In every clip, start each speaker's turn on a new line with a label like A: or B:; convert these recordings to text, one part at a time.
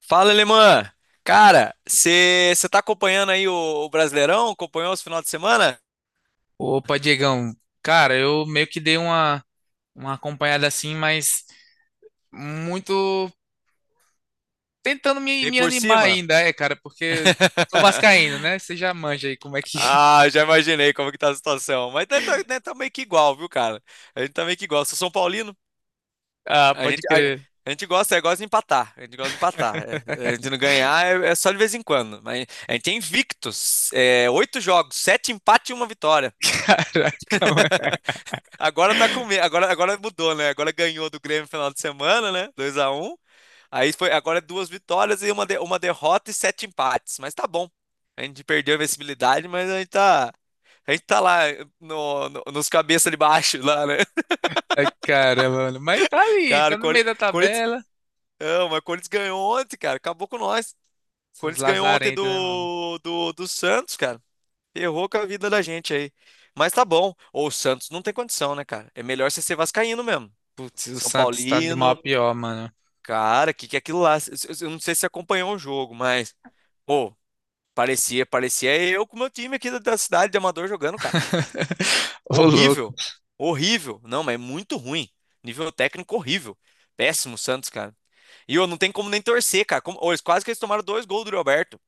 A: Fala, Alemã! Cara, você tá acompanhando aí o Brasileirão? Acompanhou os final de semana?
B: Opa, Diegão. Cara, eu meio que dei uma acompanhada assim, mas muito tentando me,
A: Bem
B: me
A: por
B: animar
A: cima?
B: ainda, é, cara, porque sou vascaíno, né? Você já manja aí como é que.
A: Ah, já imaginei como que tá a situação. Mas né, tá meio que igual, viu, cara? A gente tá meio que igual. Eu sou São Paulino,
B: Ah,
A: a
B: pode
A: gente, a,
B: crer.
A: a gente gosta, é, gosta de empatar. A gente gosta de empatar. É, a gente não ganhar é só de vez em quando. Mas a gente é invictos. É, oito jogos, sete empates e uma vitória.
B: Caraca, mano.
A: Agora tá com medo. Agora mudou, né? Agora ganhou do Grêmio no final de semana, né? 2-1. Aí foi agora é duas vitórias e uma derrota e sete empates. Mas tá bom. A gente perdeu a invencibilidade, mas a gente tá lá nos cabeça de baixo lá, né?
B: Ai, caramba, mano. Mas tá ali,
A: Cara,
B: tá no meio da
A: Corinthians.
B: tabela.
A: Não, mas o Corinthians ganhou ontem, cara. Acabou com nós. O
B: São os
A: Corinthians ganhou ontem
B: lazarentos, né, mano?
A: do Santos, cara. Errou com a vida da gente aí. Mas tá bom. Ou o Santos não tem condição, né, cara? É melhor você ser vascaíno mesmo.
B: Putz, o
A: São
B: Santos tá de mal a
A: Paulino.
B: pior, mano.
A: Cara, o que que é aquilo lá? Eu não sei se você acompanhou o jogo, mas. Pô, parecia, parecia eu com o meu time aqui da cidade de Amador jogando, cara.
B: Ô, louco.
A: Horrível. Horrível. Não, mas é muito ruim. Nível técnico horrível. Péssimo o Santos, cara. E eu não tem como nem torcer, cara. Como, ô, eles quase que eles tomaram dois gols do Roberto.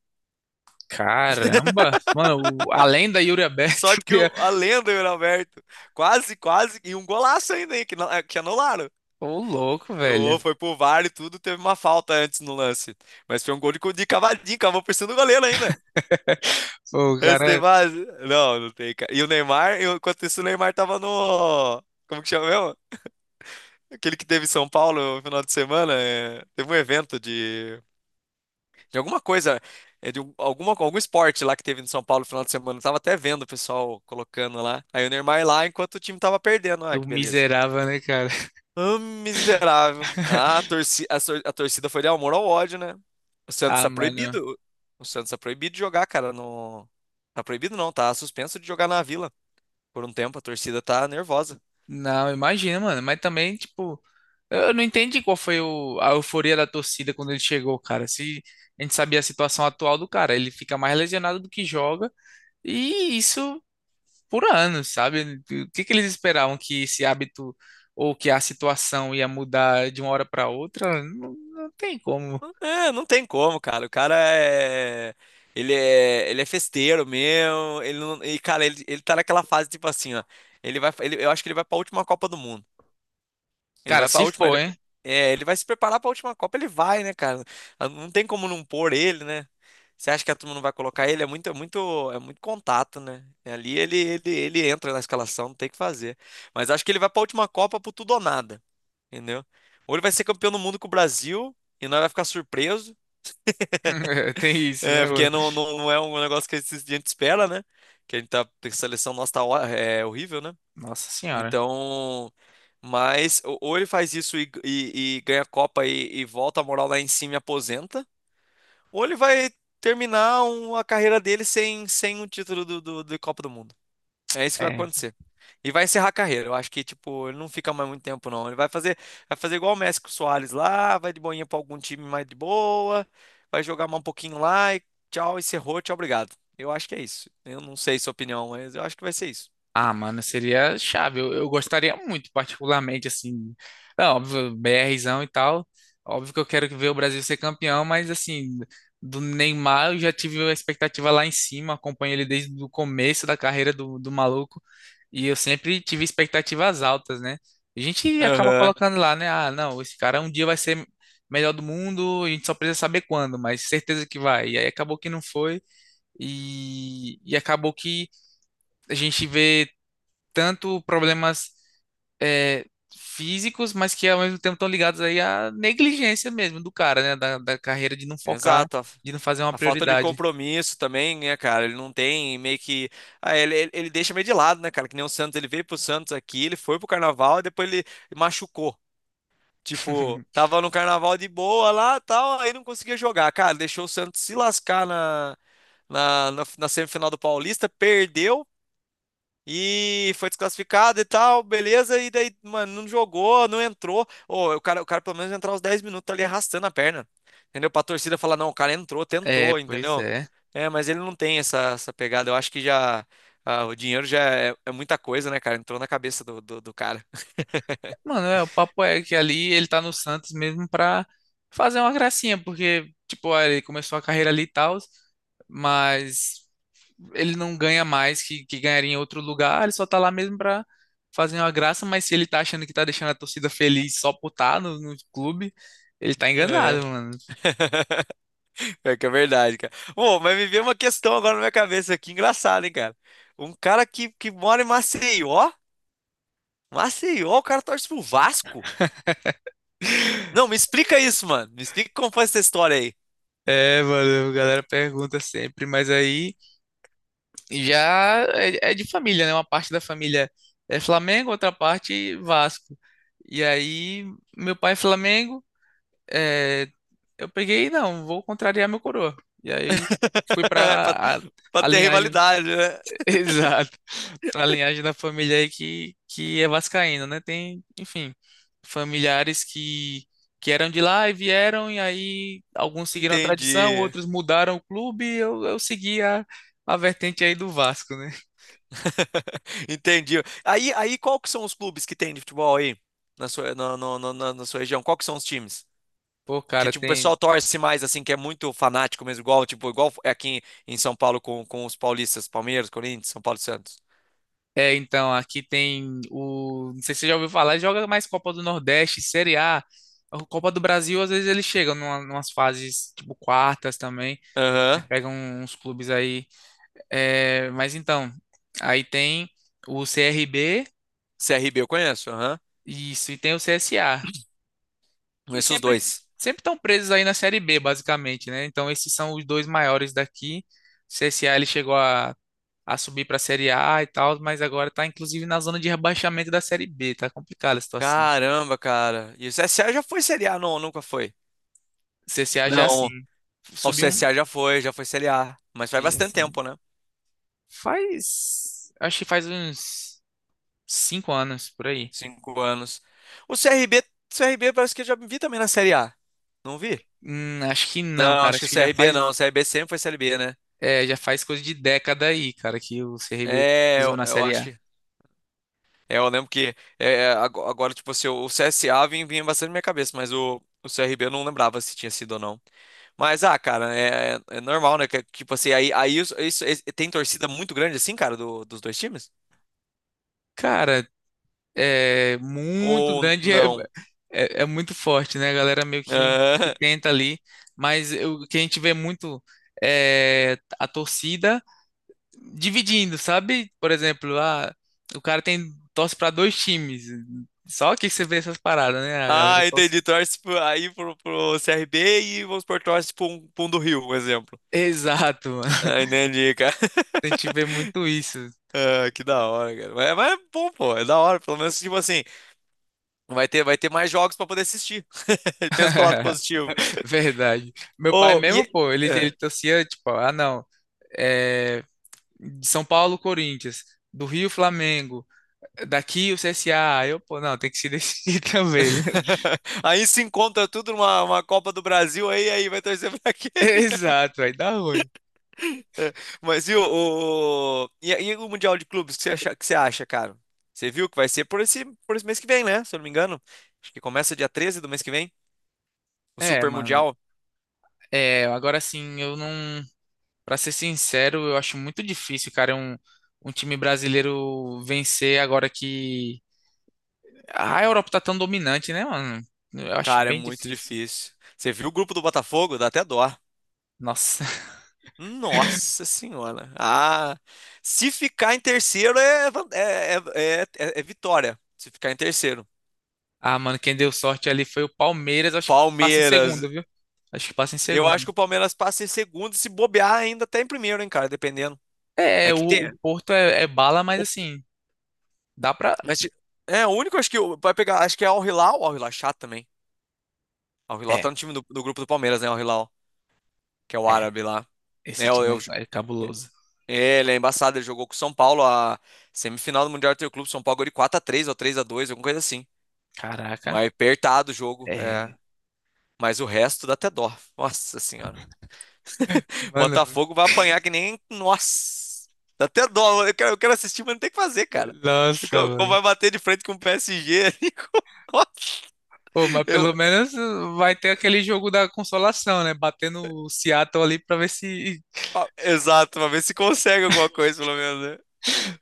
B: Caramba. Mano, além da Yuri Alberto.
A: Sorte que a lenda do Roberto. Quase, quase. E um golaço ainda, hein, que, que anularam.
B: Ô, louco,
A: Ô,
B: velho.
A: foi pro VAR e tudo, teve uma falta antes no lance. Mas foi um gol de cavadinho, cavou por cima do goleiro ainda.
B: Pô, o
A: Esse tem
B: cara,
A: base? Não, não tem, cara. E o Neymar, enquanto isso, o Neymar tava no. Como que chama mesmo? Aquele que teve em São Paulo no final de semana. É, teve um evento de alguma coisa, é, alguma, algum esporte lá que teve em São Paulo no final de semana. Eu tava até vendo o pessoal colocando lá. Aí o Neymar lá enquanto o time tava perdendo. Ah,
B: o
A: que beleza.
B: miserável, né, cara?
A: Ah, miserável. Ah, a torcida foi de amor ao ódio, né? O Santos
B: Ah,
A: tá
B: mano.
A: proibido. O Santos tá proibido de jogar, cara, no. Tá proibido não, tá suspenso de jogar na Vila. Por um tempo a torcida tá nervosa.
B: Não, imagina, mano. Mas também, tipo, eu não entendi qual foi a euforia da torcida quando ele chegou, cara. Se a gente sabia a situação atual do cara, ele fica mais lesionado do que joga, e isso por anos, sabe? O que que eles esperavam que esse hábito ou que a situação ia mudar de uma hora pra outra? Não, não tem como.
A: É, não tem como, cara. O cara é. Ele é festeiro mesmo. Ele não... E, cara, ele tá naquela fase tipo assim, ó. Eu acho que ele vai pra última Copa do Mundo. Ele
B: Cara,
A: vai pra
B: se
A: última.
B: for,
A: Ele...
B: hein?
A: É, ele vai se preparar pra última Copa, ele vai, né, cara? Ah, não tem como não pôr ele, né? Você acha que a turma não vai colocar ele? É muito contato, né? Ali ele entra na escalação, não tem o que fazer. Mas acho que ele vai pra última Copa pro tudo ou nada. Entendeu? Ou ele vai ser campeão do mundo com o Brasil e nós vai ficar surpreso,
B: Tem isso,
A: é,
B: né, mano?
A: porque não, não, não é um negócio que a gente espera, né? Que a gente tá, a seleção nossa tá, ó- é horrível, né?
B: Nossa senhora.
A: Então, mas ou ele faz isso e ganha a Copa e volta a moral lá em cima e aposenta, ou ele vai terminar a carreira dele sem um título de Copa do Mundo. É isso que vai
B: É,
A: acontecer. E vai encerrar a carreira. Eu acho que, tipo, ele não fica mais muito tempo, não. Vai fazer igual o Messi com o Soares lá, vai de boinha pra algum time mais de boa, vai jogar mais um pouquinho lá e tchau, encerrou, tchau, obrigado. Eu acho que é isso. Eu não sei sua opinião, mas eu acho que vai ser isso.
B: ah, mano, seria chave. Eu gostaria muito, particularmente, assim. É óbvio, BRzão e tal. Óbvio que eu quero ver o Brasil ser campeão, mas, assim, do Neymar eu já tive a expectativa lá em cima. Acompanho ele desde o começo da carreira do maluco. E eu sempre tive expectativas altas, né? A gente acaba
A: Aham.
B: colocando lá, né? Ah, não, esse cara um dia vai ser melhor do mundo, a gente só precisa saber quando, mas certeza que vai. E aí acabou que não foi. E acabou que a gente vê tanto problemas é, físicos, mas que ao mesmo tempo estão ligados aí à negligência mesmo do cara, né? Da carreira de não focar,
A: Exato.
B: de não fazer uma
A: A falta de
B: prioridade.
A: compromisso também, né, cara? Ele não tem meio que. Ah, ele deixa meio de lado, né, cara? Que nem o Santos. Ele veio pro Santos aqui, ele foi pro Carnaval e depois ele machucou. Tipo, tava no carnaval de boa lá, tal, aí não conseguia jogar. Cara, deixou o Santos se lascar na semifinal do Paulista, perdeu e foi desclassificado e tal, beleza. E daí, mano, não jogou, não entrou. Ô, o cara pelo menos entrar os 10 minutos ali arrastando a perna, entendeu? Pra torcida falar, não, o cara entrou,
B: É,
A: tentou,
B: pois
A: entendeu?
B: é.
A: É, mas ele não tem essa pegada. Eu acho que já. Ah, o dinheiro já é muita coisa, né, cara? Entrou na cabeça do cara.
B: Mano, é, o papo é que ali ele tá no Santos mesmo pra fazer uma gracinha, porque, tipo, ah, ele começou a carreira ali e tal, mas ele não ganha mais que ganharia em outro lugar, ele só tá lá mesmo pra fazer uma graça, mas se ele tá achando que tá deixando a torcida feliz só por tá no clube, ele tá
A: É.
B: enganado, mano.
A: É que é verdade, cara. Bom, mas me veio uma questão agora na minha cabeça aqui, engraçada, hein, cara? Um cara que mora em Maceió, Maceió, o cara torce pro Vasco? Não, me explica isso, mano. Me explica como foi essa história aí.
B: É, mano, a galera pergunta sempre, mas aí já é de família, né? Uma parte da família é Flamengo, outra parte Vasco. E aí, meu pai é Flamengo, é, eu peguei, não, vou contrariar meu coroa. E aí fui
A: pra,
B: pra a,
A: pra
B: a
A: ter
B: linhagem.
A: rivalidade, né?
B: Exato. A linhagem da família aí que é vascaína, né? Tem, enfim, familiares que eram de lá e vieram, e aí alguns seguiram a tradição,
A: Entendi.
B: outros mudaram o clube, e eu segui a vertente aí do Vasco, né?
A: Entendi. Qual que são os clubes que tem de futebol aí na sua, na sua região? Qual que são os times?
B: Pô,
A: Que
B: cara,
A: tipo o
B: tem.
A: pessoal torce mais assim, que é muito fanático mesmo, igual tipo igual é aqui em, em São Paulo com os paulistas, Palmeiras, Corinthians, São Paulo e Santos.
B: É, então, aqui tem o. Não sei se você já ouviu falar, joga mais Copa do Nordeste, Série A. A Copa do Brasil, às vezes eles chegam numas fases, tipo, quartas também. Né?
A: Aham.
B: Pegam uns clubes aí. É, mas então, aí tem o CRB,
A: CRB eu conheço, aham.
B: isso, e tem o CSA, que
A: Conheço os
B: sempre
A: dois.
B: sempre estão presos aí na Série B, basicamente, né? Então, esses são os dois maiores daqui. O CSA ele chegou a subir para a Série A e tal, mas agora está inclusive na zona de rebaixamento da Série B, tá complicada a situação.
A: Caramba, cara. E o CSA já foi Série A, não, nunca foi.
B: O CSA já assim,
A: Não, o
B: subiu um.
A: CSA já foi Série A, mas faz bastante
B: Assim,
A: tempo, né?
B: faz. Acho que faz uns 5 anos por aí.
A: 5 anos. O CRB, CRB parece que eu já vi também na Série A. Não vi?
B: Acho que não,
A: Não,
B: cara.
A: acho que
B: Acho
A: o
B: que já
A: CRB não, o
B: faz.
A: CRB sempre foi Série B, né?
B: É, já faz coisa de década aí, cara, que o CRB
A: É,
B: pisou na
A: eu
B: Série
A: acho
B: A.
A: que é, eu lembro que agora, tipo assim, o CSA vinha, vinha bastante na minha cabeça, mas o CRB eu não lembrava se tinha sido ou não. Mas, ah, cara, é normal, né? Que, tipo assim, aí, aí isso- esse- tem torcida muito grande assim, cara, dos dois times?
B: Cara, é muito
A: Ou
B: grande, é,
A: não?
B: é, é muito forte, né? A galera meio que
A: Ah,
B: tenta ali, mas o que a gente vê muito é a torcida dividindo, sabe? Por exemplo, ah, o cara tem torce para dois times, só que você vê essas paradas, né? A galera
A: ah,
B: torce.
A: entendi. Torce pro CRB e vamos por torce pro, pro um do Rio, por exemplo.
B: Exato, mano.
A: Ah, entendi, cara.
B: A gente vê muito isso.
A: Ah, que da hora, cara. Mas é bom, pô. É da hora. Pelo menos, tipo assim, vai ter mais jogos para poder assistir. Pensa pelo lado positivo.
B: Verdade. Meu pai
A: Oh, e.
B: mesmo, pô, ele
A: É.
B: torcia, tipo, ah, não, é, de São Paulo, Corinthians, do Rio, Flamengo, daqui o CSA. Aí eu, pô, não, tem que se decidir, também, né?
A: Aí se encontra tudo numa uma Copa do Brasil, aí, aí vai torcer pra quem?
B: Exato, aí dá ruim.
A: É. Mas e o Mundial de Clubes, o que você acha, cara? Você viu que vai ser por esse mês que vem, né? Se eu não me engano. Acho que começa dia 13 do mês que vem, o
B: É,
A: Super
B: mano,
A: Mundial.
B: agora sim, eu não, pra ser sincero, eu acho muito difícil, cara, um time brasileiro vencer agora que ah, a Europa tá tão dominante, né, mano? Eu acho
A: Cara, é
B: bem
A: muito
B: difícil.
A: difícil. Você viu o grupo do Botafogo? Dá até dó.
B: Nossa.
A: Nossa senhora. Ah, se ficar em terceiro é, é vitória. Se ficar em terceiro.
B: Ah, mano, quem deu sorte ali foi o Palmeiras. Acho que passa em
A: Palmeiras.
B: segundo, viu? Acho que passa em
A: Eu acho
B: segundo.
A: que o Palmeiras passa em segundo, e se bobear ainda até em primeiro, hein, cara, dependendo.
B: É,
A: É
B: é,
A: que
B: o
A: tem.
B: Porto é bala, mas
A: o-
B: assim, dá pra.
A: Mas, é, o único acho que vai pegar, acho que é Al Hilal, Al Hilal é chato também. Al Hilal tá
B: É,
A: no time do grupo do Palmeiras, né, Al Hilal, que é o
B: é.
A: árabe lá.
B: Esse
A: É,
B: time é cabuloso.
A: é, ele é embaçado, ele jogou com o São Paulo a semifinal do Mundial do Clube, São Paulo ganhou de 4-3 ou 3-2 alguma coisa assim.
B: Caraca.
A: Mas apertado o jogo, é.
B: É.
A: Mas o resto dá até dó. Nossa senhora.
B: Mano,
A: Botafogo vai apanhar que nem. Nossa! Dá até dó. Eu quero assistir, mas não tem o que fazer, cara.
B: nossa,
A: Como
B: mano.
A: vai bater de frente com o PSG ali.
B: Pô, mas
A: Eu...
B: pelo menos vai ter aquele jogo da consolação, né? Batendo o Seattle ali pra ver se.
A: Ah, exato, pra ver se consegue alguma coisa, pelo menos, né?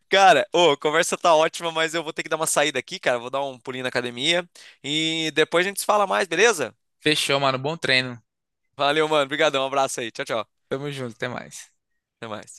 A: Cara, ô, a conversa tá ótima, mas eu vou ter que dar uma saída aqui, cara. Vou dar um pulinho na academia. E depois a gente se fala mais, beleza?
B: Fechou, mano. Bom treino.
A: Valeu, mano. Obrigadão. Um abraço aí. Tchau, tchau.
B: Tamo junto, até mais.
A: Até mais.